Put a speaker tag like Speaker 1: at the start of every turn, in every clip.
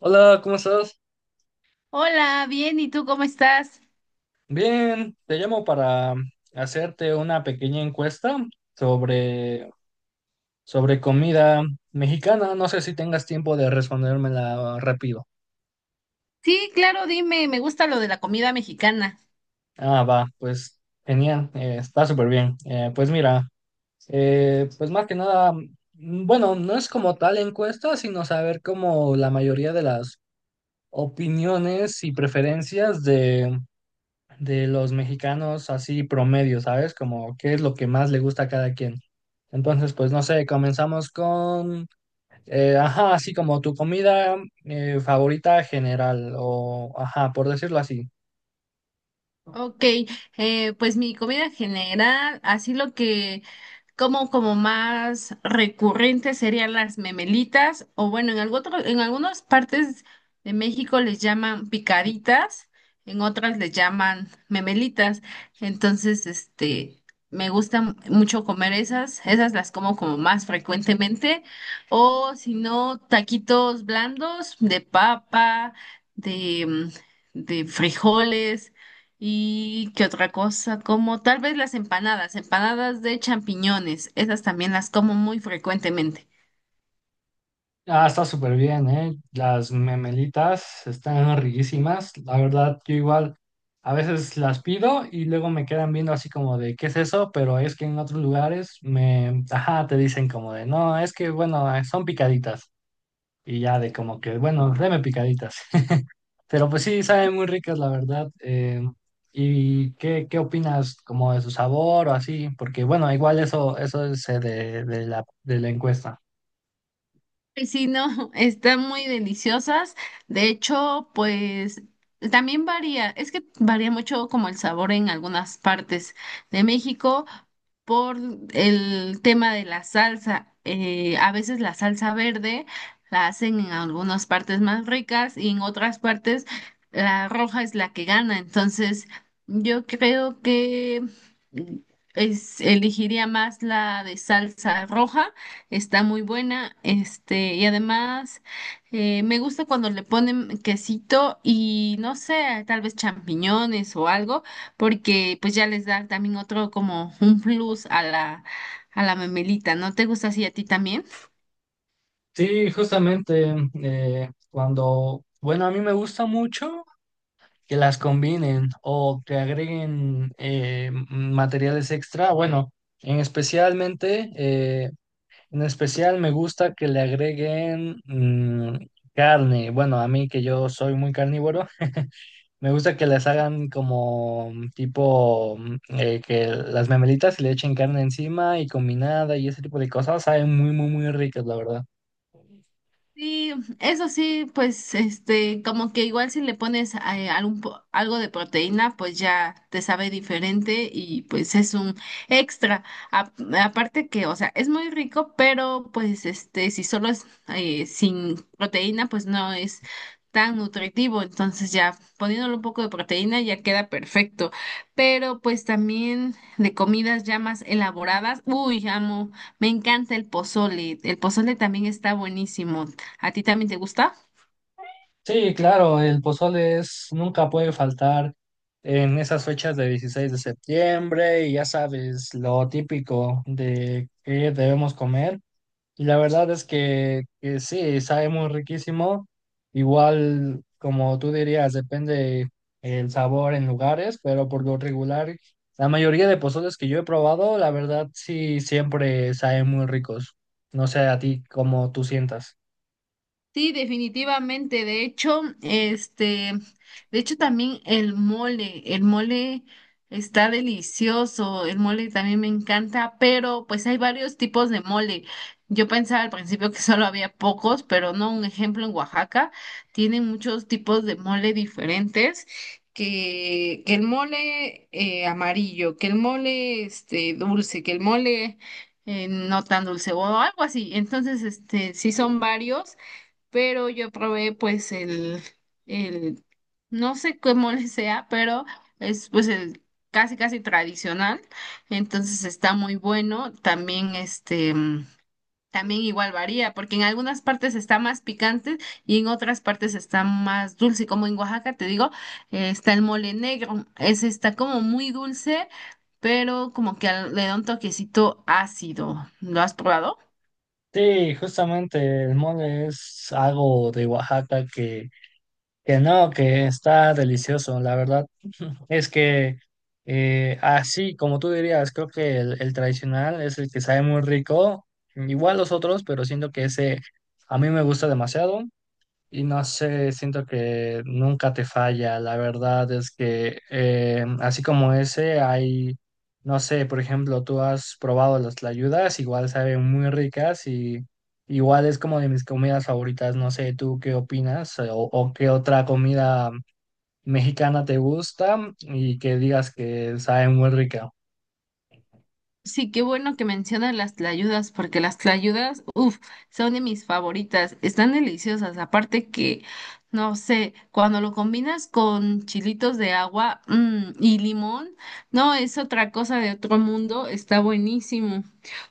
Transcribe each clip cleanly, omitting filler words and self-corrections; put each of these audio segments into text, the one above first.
Speaker 1: Hola, ¿cómo estás?
Speaker 2: Hola, bien, ¿y tú cómo estás?
Speaker 1: Bien, te llamo para hacerte una pequeña encuesta sobre, sobre comida mexicana. No sé si tengas tiempo de respondérmela rápido.
Speaker 2: Sí, claro, dime, me gusta lo de la comida mexicana.
Speaker 1: Ah, va, pues genial, está súper bien. Pues mira, pues más que nada, bueno, no es como tal encuesta, sino saber como la mayoría de las opiniones y preferencias de los mexicanos así promedio, ¿sabes? Como qué es lo que más le gusta a cada quien. Entonces, pues no sé, comenzamos con, ajá, así como tu comida favorita general o, ajá, por decirlo así.
Speaker 2: Ok, pues mi comida general, así lo que como como más recurrente serían las memelitas, o bueno, en algunas partes de México les llaman picaditas, en otras les llaman memelitas. Entonces, este, mucho comer esas, las como como más frecuentemente, o si no, taquitos blandos de papa, de, de frijoles. ¿Y qué otra cosa? Como tal vez las empanadas, empanadas de champiñones, esas también las como muy frecuentemente.
Speaker 1: Ah, está súper bien, ¿eh? Las memelitas están riquísimas. La verdad, yo igual a veces las pido y luego me quedan viendo así como de, ¿qué es eso? Pero es que en otros lugares me, ajá, te dicen como de, no, es que bueno, son picaditas. Y ya de como que, bueno, deme picaditas. Pero pues sí, saben muy ricas, la verdad. ¿Y qué opinas como de su sabor o así? Porque bueno, igual eso es de la encuesta.
Speaker 2: Pues sí, no, están muy deliciosas. De hecho, pues también varía, es que varía mucho como el sabor en algunas partes de México por el tema de la salsa. A veces la salsa verde la hacen en algunas partes más ricas y en otras partes la roja es la que gana. Entonces, yo creo que mm, es, elegiría más la de salsa roja, está muy buena, este, y además, me gusta cuando le ponen quesito y no sé, tal vez champiñones o algo, porque pues ya les da también otro como un plus a la memelita, ¿no te gusta así a ti también?
Speaker 1: Sí, justamente cuando, bueno, a mí me gusta mucho que las combinen o que agreguen materiales extra. Bueno, en especialmente... eh, En especial me gusta que le agreguen carne. Bueno, a mí que yo soy muy carnívoro, me gusta que les hagan como que las memelitas y le echen carne encima y combinada y ese tipo de cosas. Saben muy, muy, muy ricas, la verdad.
Speaker 2: Sí, eso sí, pues este, como que igual si le pones algo de proteína, pues ya te sabe diferente y pues es un extra. A- Aparte que, o sea, es muy rico, pero pues este, si solo es sin proteína, pues no es tan nutritivo. Entonces ya poniéndole un poco de proteína ya queda perfecto. Pero pues también de comidas ya más elaboradas, uy, amo. Me encanta el pozole. El pozole también está buenísimo. ¿A ti también te gusta?
Speaker 1: Sí, claro, el pozole es, nunca puede faltar en esas fechas de 16 de septiembre y ya sabes lo típico de que debemos comer. Y la verdad es que sí, sabe muy riquísimo. Igual, como tú dirías, depende el sabor en lugares, pero por lo regular, la mayoría de pozoles que yo he probado, la verdad sí, siempre saben muy ricos. No sé a ti cómo tú sientas.
Speaker 2: Sí, definitivamente. De hecho, este, de hecho también el mole está delicioso, el mole también me encanta, pero pues hay varios tipos de mole. Yo pensaba al principio que solo había pocos, pero no, un ejemplo en Oaxaca tienen muchos tipos de mole diferentes, que el mole amarillo, que el mole este dulce, que el mole no tan dulce o algo así. Entonces, este, sí son varios, pero yo probé pues el, no sé cómo le sea, pero es pues el casi casi tradicional, entonces está muy bueno, también este, también igual varía, porque en algunas partes está más picante y en otras partes está más dulce, como en Oaxaca, te digo, está el mole negro, ese está como muy dulce, pero como que le da un toquecito ácido, ¿lo has probado?
Speaker 1: Sí, justamente el mole es algo de Oaxaca que no, que está delicioso. La verdad. Es que así, como tú dirías, creo que el tradicional es el que sabe muy rico, igual los otros, pero siento que ese a mí me gusta demasiado y no sé, siento que nunca te falla. La verdad es que así como ese hay, no sé, por ejemplo, tú has probado las tlayudas, igual saben muy ricas y igual es como de mis comidas favoritas. No sé, ¿tú qué opinas o qué otra comida mexicana te gusta y que digas que sabe muy rica?
Speaker 2: Sí, qué bueno que mencionas las tlayudas, porque las tlayudas, uff, son de mis favoritas, están deliciosas, aparte que, no sé, cuando lo combinas con chilitos de agua, y limón, no, es otra cosa de otro mundo, está buenísimo.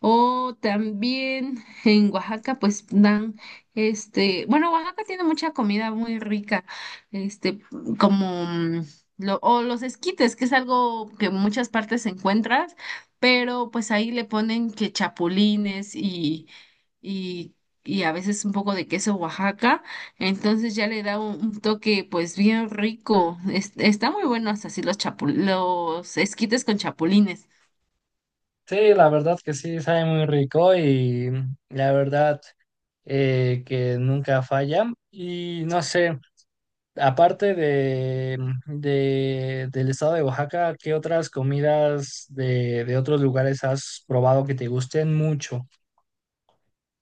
Speaker 2: O también en Oaxaca, pues dan, este, bueno, Oaxaca tiene mucha comida muy rica, este, como... mm, o los esquites, que es algo que en muchas partes se encuentra, pero pues ahí le ponen que chapulines y, y a veces un poco de queso Oaxaca, entonces ya le da un toque pues bien rico. Está muy bueno hasta así los chapul los esquites con chapulines.
Speaker 1: Sí, la verdad que sí, sabe muy rico y la verdad que nunca falla. Y no sé, aparte de, del estado de Oaxaca, ¿qué otras comidas de otros lugares has probado que te gusten mucho?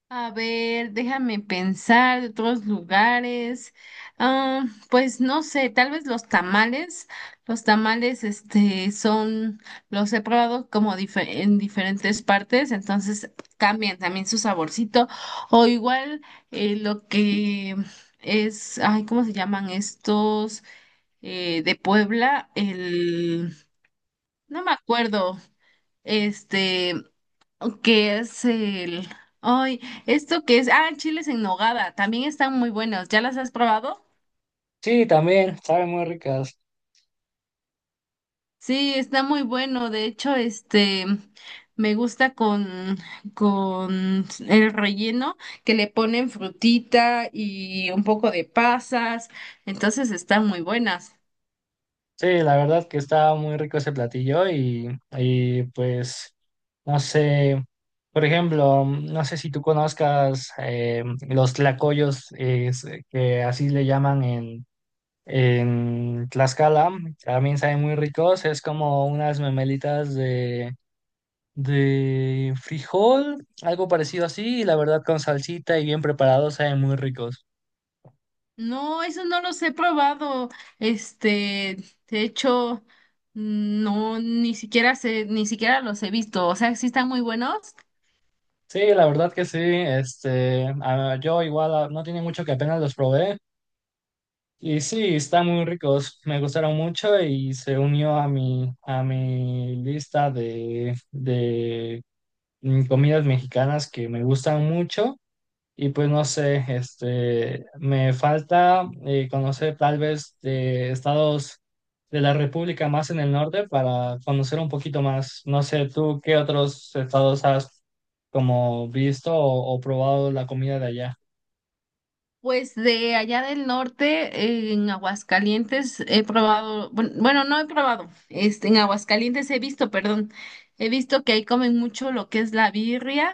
Speaker 2: A ver, déjame pensar de otros lugares. Ah, pues no sé, tal vez los tamales. Los tamales, este, son, los he probado como en diferentes partes, entonces cambian también su saborcito. O igual lo que es, ay, ¿cómo se llaman estos? Eh, de Puebla, el, no me acuerdo. Este, ¿qué es el...? Ay, ¿esto qué es? Ah, chiles en nogada. También están muy buenos. ¿Ya las has probado?
Speaker 1: Sí, también, saben muy ricas.
Speaker 2: Sí, está muy bueno. De hecho, este, me gusta con el relleno que le ponen frutita y un poco de pasas. Entonces están muy buenas.
Speaker 1: Sí, la verdad que estaba muy rico ese platillo y pues no sé, por ejemplo, no sé si tú conozcas los tlacoyos que así le llaman en Tlaxcala, también saben muy ricos, es como unas memelitas de frijol, algo parecido así, y la verdad con salsita y bien preparados saben muy ricos.
Speaker 2: No, eso no los he probado. Este, de hecho, no, ni siquiera sé, ni siquiera los he visto. O sea, sí están muy buenos.
Speaker 1: Sí, la verdad que sí, este, ah, yo igual ah, no tiene mucho que apenas los probé. Y sí, están muy ricos, me gustaron mucho y se unió a a mi lista de comidas mexicanas que me gustan mucho. Y pues no sé, este, me falta conocer tal vez de estados de la República más en el norte para conocer un poquito más. No sé, tú qué otros estados has como visto o probado la comida de allá.
Speaker 2: Pues de allá del norte, en Aguascalientes, he probado, bueno, no he probado, este, en Aguascalientes he visto, perdón, he visto que ahí comen mucho lo que es la birria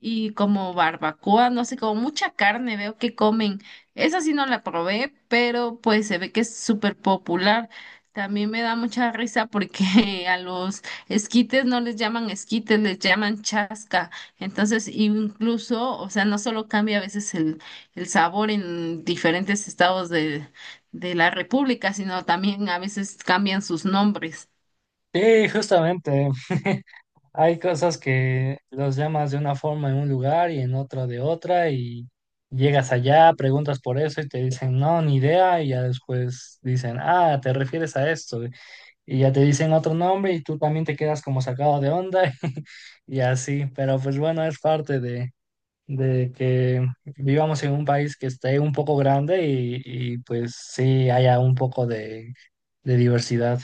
Speaker 2: y como barbacoa, no sé, como mucha carne veo que comen. Esa sí no la probé, pero pues se ve que es súper popular. También me da mucha risa porque a los esquites no les llaman esquites, les llaman chasca. Entonces, incluso, o sea, no solo cambia a veces el sabor en diferentes estados de la República, sino también a veces cambian sus nombres.
Speaker 1: Sí, justamente. Hay cosas que los llamas de una forma en un lugar y en otro de otra y llegas allá, preguntas por eso y te dicen, no, ni idea y ya después dicen, ah, te refieres a esto y ya te dicen otro nombre y tú también te quedas como sacado de onda y así, pero pues bueno, es parte de que vivamos en un país que esté un poco grande y pues sí haya un poco de diversidad.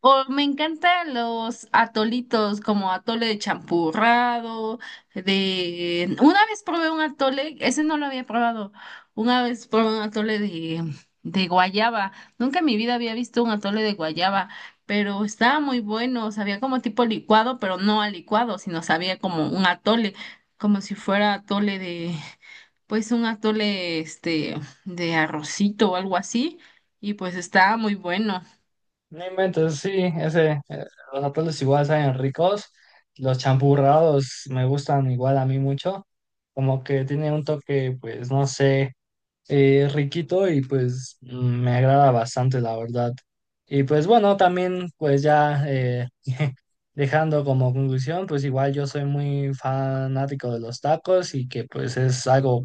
Speaker 2: O me encantan los atolitos como atole de champurrado, de... Una vez probé un atole, ese no lo había probado, una vez probé un atole de guayaba. Nunca en mi vida había visto un atole de guayaba, pero estaba muy bueno, sabía como tipo licuado, pero no a licuado, sino sabía como un atole, como si fuera atole de, pues un atole este, de arrocito o algo así, y pues estaba muy bueno.
Speaker 1: No inventes, sí, ese, los atuendos igual saben ricos, los champurrados me gustan igual a mí mucho, como que tiene un toque, pues no sé, riquito y pues me agrada bastante, la verdad. Y pues bueno, también pues ya dejando como conclusión, pues igual yo soy muy fanático de los tacos y que pues es algo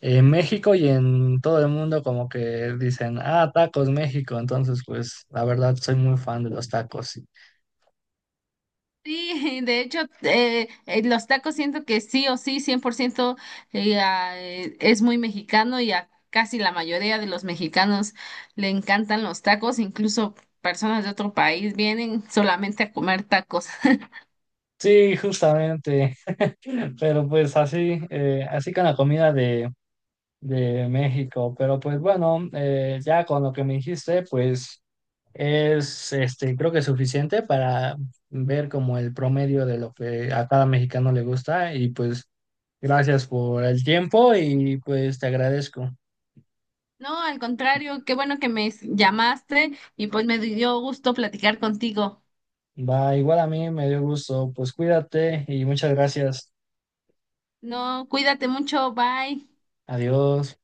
Speaker 1: en México y en todo el mundo como que dicen, ah, tacos México, entonces pues la verdad soy muy fan de los tacos. Sí,
Speaker 2: Sí, de hecho, los tacos siento que sí o sí, 100% es muy mexicano y a casi la mayoría de los mexicanos le encantan los tacos, incluso personas de otro país vienen solamente a comer tacos.
Speaker 1: sí, justamente, pero pues así, así con la comida de México, pero pues bueno, ya con lo que me dijiste, pues es, este, creo que es suficiente para ver como el promedio de lo que a cada mexicano le gusta y pues gracias por el tiempo y pues te agradezco.
Speaker 2: No, al contrario, qué bueno que me llamaste y pues me dio gusto platicar contigo.
Speaker 1: Va, igual a mí me dio gusto. Pues cuídate y muchas gracias.
Speaker 2: No, cuídate mucho, bye.
Speaker 1: Adiós.